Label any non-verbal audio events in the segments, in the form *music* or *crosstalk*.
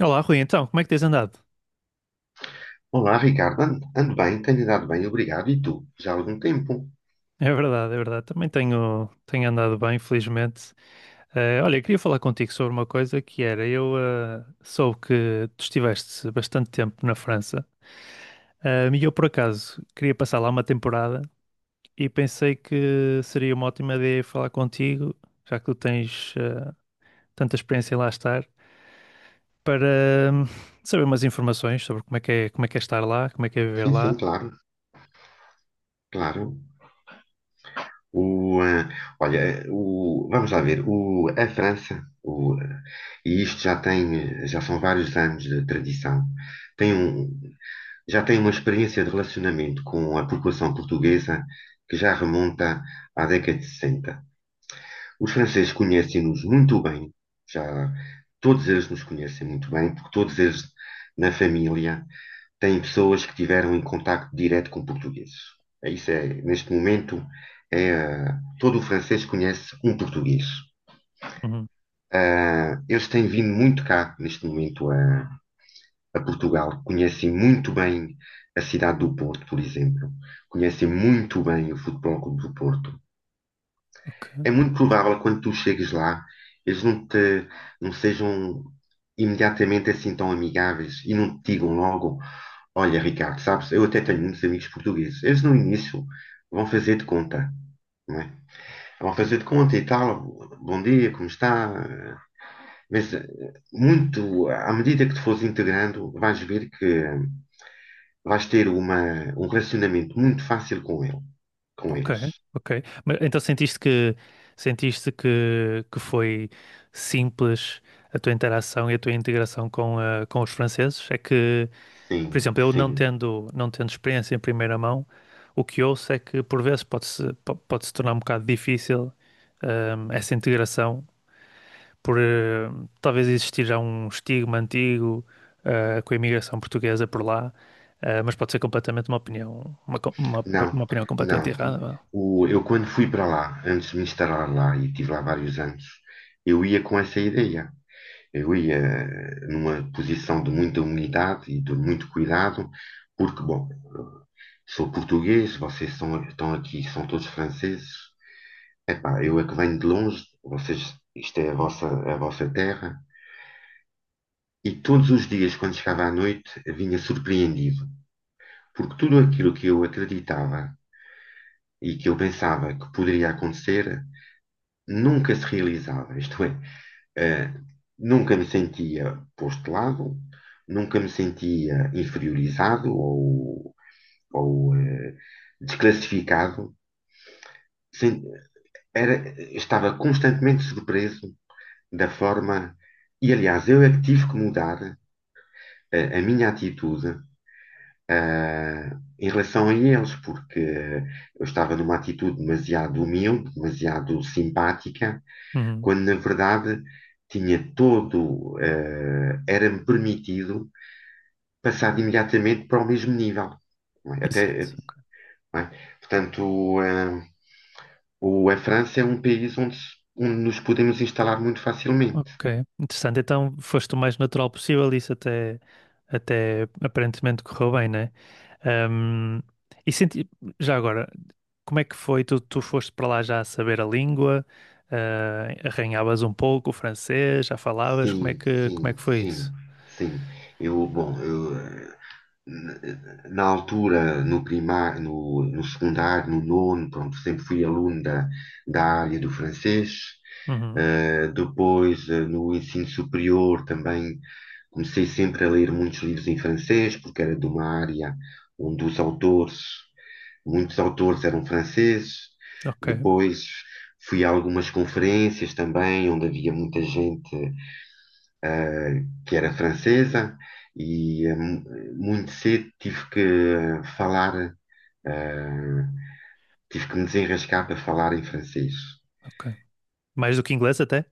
Olá, Rui, então, como é que tens andado? Olá, Ricardo. Ando bem, tenho andado bem, obrigado. E tu? Já há algum tempo? É verdade, é verdade. Também tenho, andado bem, felizmente. Olha, eu queria falar contigo sobre uma coisa que era, soube que tu estiveste bastante tempo na França, e eu por acaso queria passar lá uma temporada e pensei que seria uma ótima ideia falar contigo, já que tu tens tanta experiência em lá estar, para saber umas informações sobre como é que é, como é que é estar lá, como é que é viver Sim, sim, lá. claro, claro. O, eh, olha, vamos lá ver. A França, e isto já tem, já são vários anos de tradição, tem um, já tem uma experiência de relacionamento com a população portuguesa que já remonta à década de 60. Os franceses conhecem-nos muito bem, já todos eles nos conhecem muito bem, porque todos eles na família têm pessoas que tiveram em contacto direto com portugueses. Isso é, neste momento, é, todo o francês conhece um português. Uhum, Eles têm vindo muito cá, neste momento, a Portugal. Conhecem muito bem a cidade do Porto, por exemplo. Conhecem muito bem o Futebol Clube do Porto. ok. É muito provável que quando tu chegues lá, eles não te, não sejam imediatamente assim tão amigáveis e não te digam logo: "Olha, Ricardo, sabes, eu até tenho muitos amigos portugueses." Eles no início vão fazer de conta, não é? Vão fazer de conta e tal, bom dia, como está? Mas à medida que te fores integrando, vais ver que vais ter uma, um relacionamento muito fácil com com Ok, eles. ok. Mas então sentiste que que foi simples a tua interação e a tua integração com, com os franceses? É que, por Sim, exemplo, eu não sim. tendo experiência em primeira mão, o que ouço é que por vezes pode-se tornar um bocado difícil, essa integração por talvez existir já um estigma antigo, com a imigração portuguesa por lá, mas pode ser completamente uma opinião uma, co- Não, uma opinião completamente não. errada, vá. Eu quando fui para lá, antes de me instalar lá, e tive lá vários anos, eu ia com essa ideia. Eu ia numa posição de muita humildade e de muito cuidado, porque, bom, sou português, estão aqui, são todos franceses. Epá, eu é que venho de longe, vocês, isto é a vossa terra. E todos os dias, quando chegava à noite, vinha surpreendido, porque tudo aquilo que eu acreditava e que eu pensava que poderia acontecer nunca se realizava. Isto é, Eh, nunca me sentia posto de lado, nunca me sentia inferiorizado ou desclassificado. Sem- era- Estava constantemente surpreso da forma. E aliás, eu é que tive que mudar minha atitude em relação a eles, porque eu estava numa atitude demasiado humilde, demasiado simpática Uhum. quando na verdade era-me permitido passar imediatamente para o mesmo nível. Não é? Exato. Até, Ok. não é? Portanto, a França é um país onde, se- onde nos podemos instalar muito facilmente. Ok, interessante. Então foste o mais natural possível e isso até, até aparentemente correu bem, né? Ahm, e senti... Já agora, como é que foi? Tu foste para lá já a saber a língua, ah, arranhavas um pouco o francês, já falavas, Sim, como é sim, que foi sim, isso? sim. Eu, na na altura, no primário, no secundário, no nono, pronto, sempre fui aluno da área do francês. Uhum. Depois, no ensino superior, também comecei sempre a ler muitos livros em francês, porque era de uma área onde muitos autores eram franceses. Ok, Depois, fui a algumas conferências também, onde havia muita gente que era francesa, e muito cedo tive que eh, tive que me desenrascar para falar em francês. ok. Mais do que inglês até?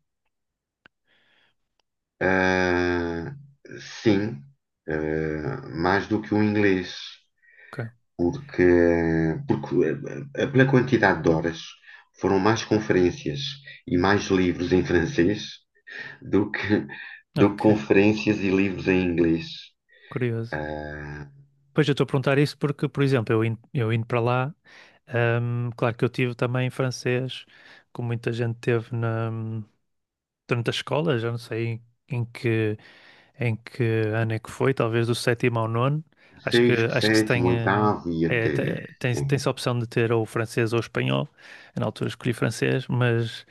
Ah, sim, mais do que o inglês, Ok, porque, porque pela quantidade de horas foram mais conferências e mais livros em francês do que, do que ok, conferências e livros em inglês. curioso. Eh, Pois eu estou a perguntar isso porque, por exemplo, eu indo para lá. Claro que eu tive também francês, como muita gente teve na, durante a escola, já não sei em que, em que ano é que foi, talvez do sétimo ao nono. Sexto, Acho que se sétimo, tem, oitavo e é, te- até. tem, tem-se a opção de ter ou francês ou espanhol. Eu, na altura, escolhi francês, mas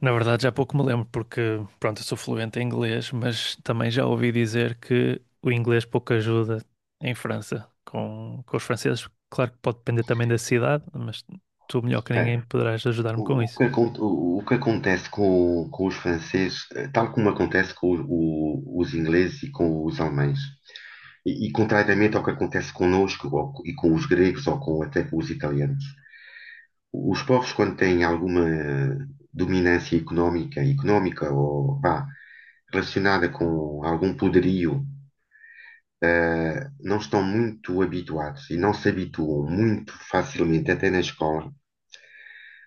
na verdade já pouco me lembro, porque, pronto, eu sou fluente em inglês, mas também já ouvi dizer que o inglês pouco ajuda em França com os franceses. Claro que pode depender também da cidade, mas tu, melhor que ninguém, poderás ajudar-me com isso. O que acontece com os franceses, tal como acontece com os ingleses e com os alemães, e contrariamente ao que acontece connosco e com os gregos ou com, até com os italianos, os povos, quando têm alguma dominância económica, económica ou vá, relacionada com algum poderio, não estão muito habituados e não se habituam muito facilmente, até na escola,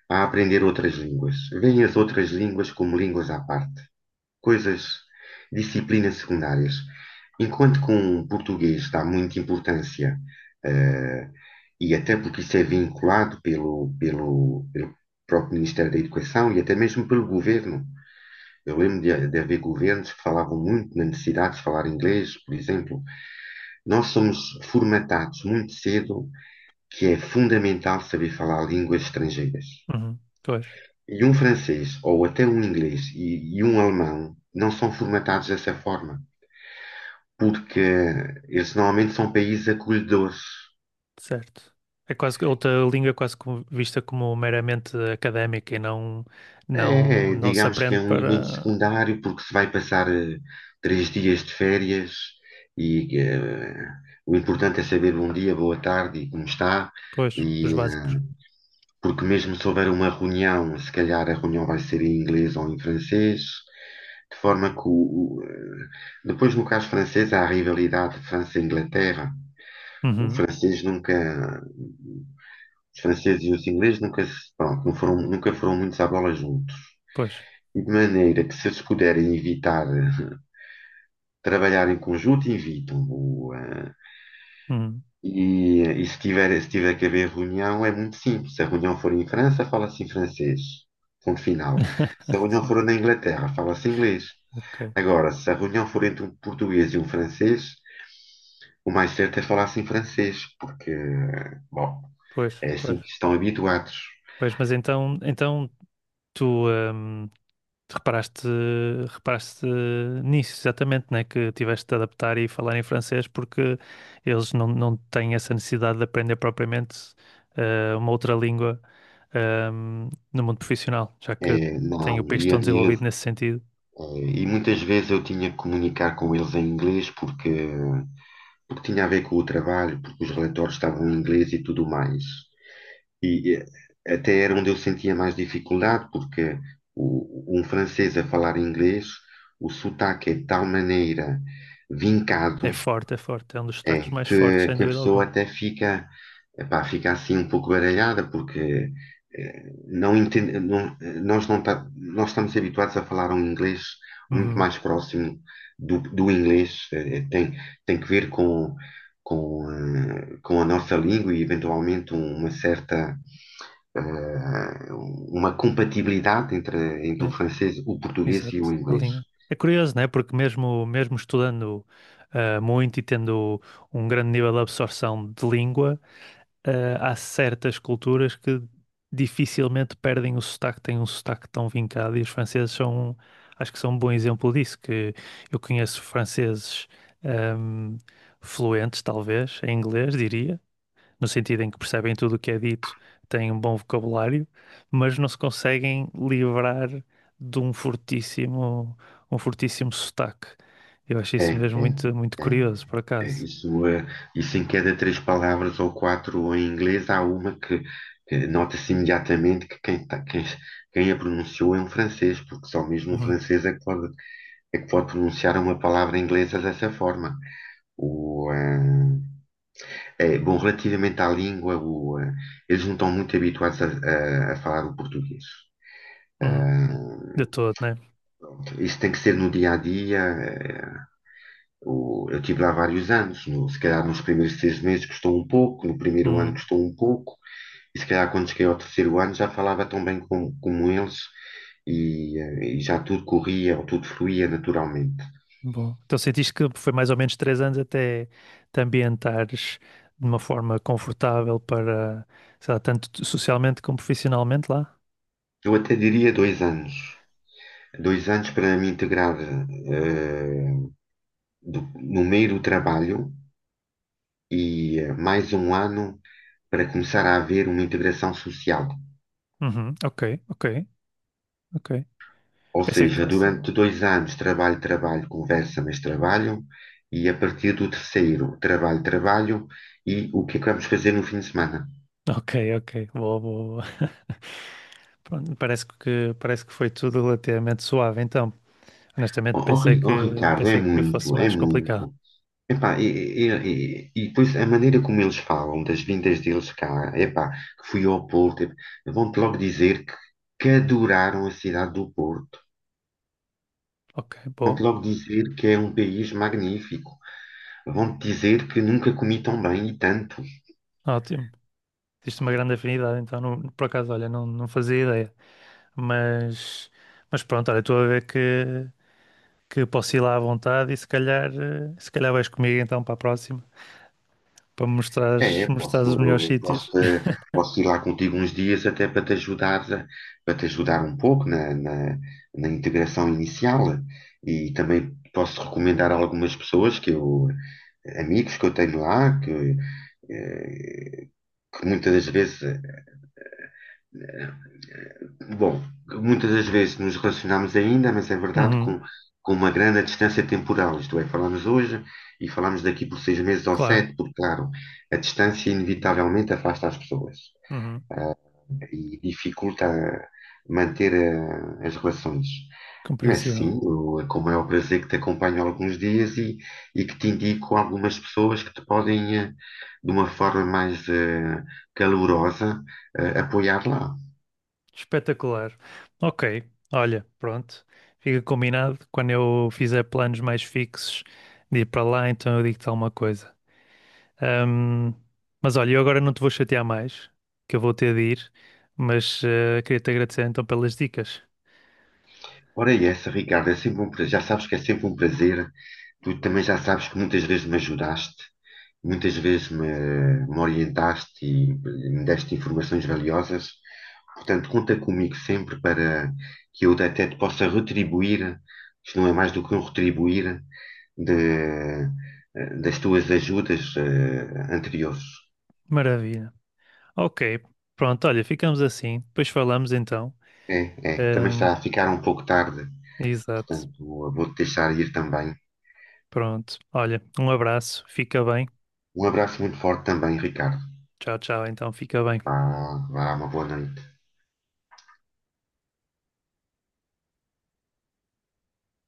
a aprender outras línguas. Veem as outras línguas como línguas à parte, coisas, disciplinas secundárias. Enquanto que um português dá muita importância, eh, e até porque isso é vinculado pelo próprio Ministério da Educação e até mesmo pelo governo. Eu lembro de haver governos que falavam muito na necessidade de falar inglês, por exemplo. Nós somos formatados muito cedo que é fundamental saber falar línguas estrangeiras. Uhum, pois, E um francês, ou até um inglês e um alemão, não são formatados dessa forma, porque eles normalmente são países acolhedores. certo. É quase que outra língua, quase vista como meramente académica e não, É, é, não se digamos que aprende é um elemento para... secundário, porque se vai passar três dias de férias e o importante é saber bom dia, boa tarde e como está. Pois, os E, básicos. eh, porque mesmo se houver uma reunião, se calhar a reunião vai ser em inglês ou em francês, de forma que depois no caso francês há a rivalidade França-Inglaterra. O Uhum, francês nunca Os franceses e os ingleses nunca, se- pronto, não foram, nunca foram muito à bola juntos. pois. E de maneira que, se eles puderem evitar trabalhar em conjunto, evitam. O, eh, Uhum. e, eh, E se tiver que haver reunião, é muito simples. Se a reunião for em França, fala-se em francês. Ponto final. Se a *laughs* reunião Sim, for na Inglaterra, fala-se inglês. ok. Agora, se a reunião for entre um português e um francês, o mais certo é falar-se em francês, porque, bom, Pois, é pois. assim que estão habituados. Pois, mas então, então tu, hum, tu reparaste, reparaste nisso, exatamente, né? Que tiveste de adaptar e falar em francês porque eles não, não têm essa necessidade de aprender propriamente uma outra língua, hum, no mundo profissional, já que É, tem o não, país e, a- tão e desenvolvido nesse sentido. Eh, E muitas vezes eu tinha que comunicar com eles em inglês porque tinha a ver com o trabalho, porque os relatórios estavam em inglês e tudo mais. E até era onde eu sentia mais dificuldade, porque um francês a falar inglês, o sotaque é de tal maneira vincado É forte, é forte, é um dos é, destaques mais fortes, sem que a dúvida pessoa alguma. até fica, epá, fica assim um pouco baralhada, porque não entende, não- eh, nós, não tá- nós estamos habituados a falar um inglês muito Uhum. mais próximo do inglês, tem que ver com a nossa língua e eventualmente uma certa, eh, uma compatibilidade entre o Né? francês, o português e o Exato, a inglês. linha. É curioso, né? Porque mesmo, mesmo estudando ah, muito e tendo um grande nível de absorção de língua, ah, há certas culturas que dificilmente perdem o sotaque, têm um sotaque tão vincado, e os franceses são, acho que são um bom exemplo disso, que eu conheço franceses ahm, fluentes, talvez, em inglês, diria, no sentido em que percebem tudo o que é dito, têm um bom vocabulário, mas não se conseguem livrar de um fortíssimo sotaque. Eu acho É, isso é, mesmo muito, muito é. curioso, por É, acaso. Isso, eh, isso em cada três palavras ou quatro em inglês há uma que nota-se imediatamente quem a pronunciou é um francês, porque só mesmo um Uhum, francês é que pode pronunciar uma palavra inglesa dessa forma. O, eh, é, bom, relativamente à língua, eles não estão muito habituados a falar o português. Eh, uhum, de todo, né? isso tem que ser no dia a dia. Eu tive lá vários anos. Se calhar nos primeiros 6 meses custou um pouco, no primeiro ano Uhum, custou um pouco. E se calhar quando cheguei ao terceiro ano já falava tão bem como eles e já tudo corria ou tudo fluía naturalmente. bom. Então sentiste que foi mais ou menos três anos até te ambientares de uma forma confortável para, sei lá, tanto socialmente como profissionalmente lá? Eu até diria 2 anos. 2 anos para me integrar no meio do trabalho e mais um ano para começar a haver uma integração social. Uhum, ok, ok, ok. Ou Pensei que seja, fosse. durante 2 anos trabalho, trabalho, conversa, mas trabalho, e a partir do terceiro trabalho, trabalho, e o que é que vamos fazer no fim de semana? Ok, ok. Boa, boa, boa. *laughs* Pronto, parece que foi tudo relativamente suave, então. Honestamente, Oh, Ricardo, é pensei que fosse muito, é mais complicado. muito. Epá, e depois a maneira como eles falam das vindas deles cá, epá, que fui ao Porto, ep- vão-te logo dizer que adoraram a cidade do Porto. Ok, boa. Vão-te logo dizer que é um país magnífico. Vão-te dizer que nunca comi tão bem e tanto. Ótimo. Existe uma grande afinidade, então. Por acaso, olha, não, não fazia ideia. Mas, mas pronto, olha, estou a ver que posso ir lá à vontade e se calhar, se calhar vais comigo então para a próxima, para me mostrares, É, mostrares os posso, melhores eu posso, sítios. te- *laughs* posso ir lá contigo uns dias até para te ajudar um pouco na integração inicial e também posso recomendar algumas pessoas amigos que eu tenho lá, que, eh, que muitas das vezes, bom, muitas das vezes nos relacionamos ainda, mas é verdade Uhum, com uma grande distância temporal, isto é, falamos hoje e falamos daqui por 6 meses ou claro. sete, porque claro, a distância inevitavelmente afasta as pessoas Uhum, e dificulta manter as relações. Mas compreensível. sim, com o maior prazer que te acompanho há alguns dias e que te indico algumas pessoas que te podem, de uma forma mais calorosa, apoiar lá. Espetacular. Ok, olha, pronto. Fica combinado. Quando eu fizer planos mais fixos de ir para lá, então eu digo-te alguma coisa. Ahm, mas olha, eu agora não te vou chatear mais, que eu vou ter de ir, mas queria-te agradecer então pelas dicas. Ricardo, é sempre um prazer. Já sabes que é sempre um prazer. Tu também já sabes que muitas vezes me ajudaste. Muitas vezes me orientaste e me deste informações valiosas. Portanto, conta comigo sempre para que eu até te possa retribuir, isto não é mais do que um retribuir de- das tuas ajudas anteriores. Maravilha. Ok, pronto, olha, ficamos assim. Depois falamos então. É, é, também Ahm, está a ficar um pouco tarde, exato. portanto, vou-te deixar ir também. Pronto. Olha, um abraço. Fica bem. Um abraço muito forte também, Ricardo. Tchau, tchau. Então, fica Vá, bem. vá, uma boa noite.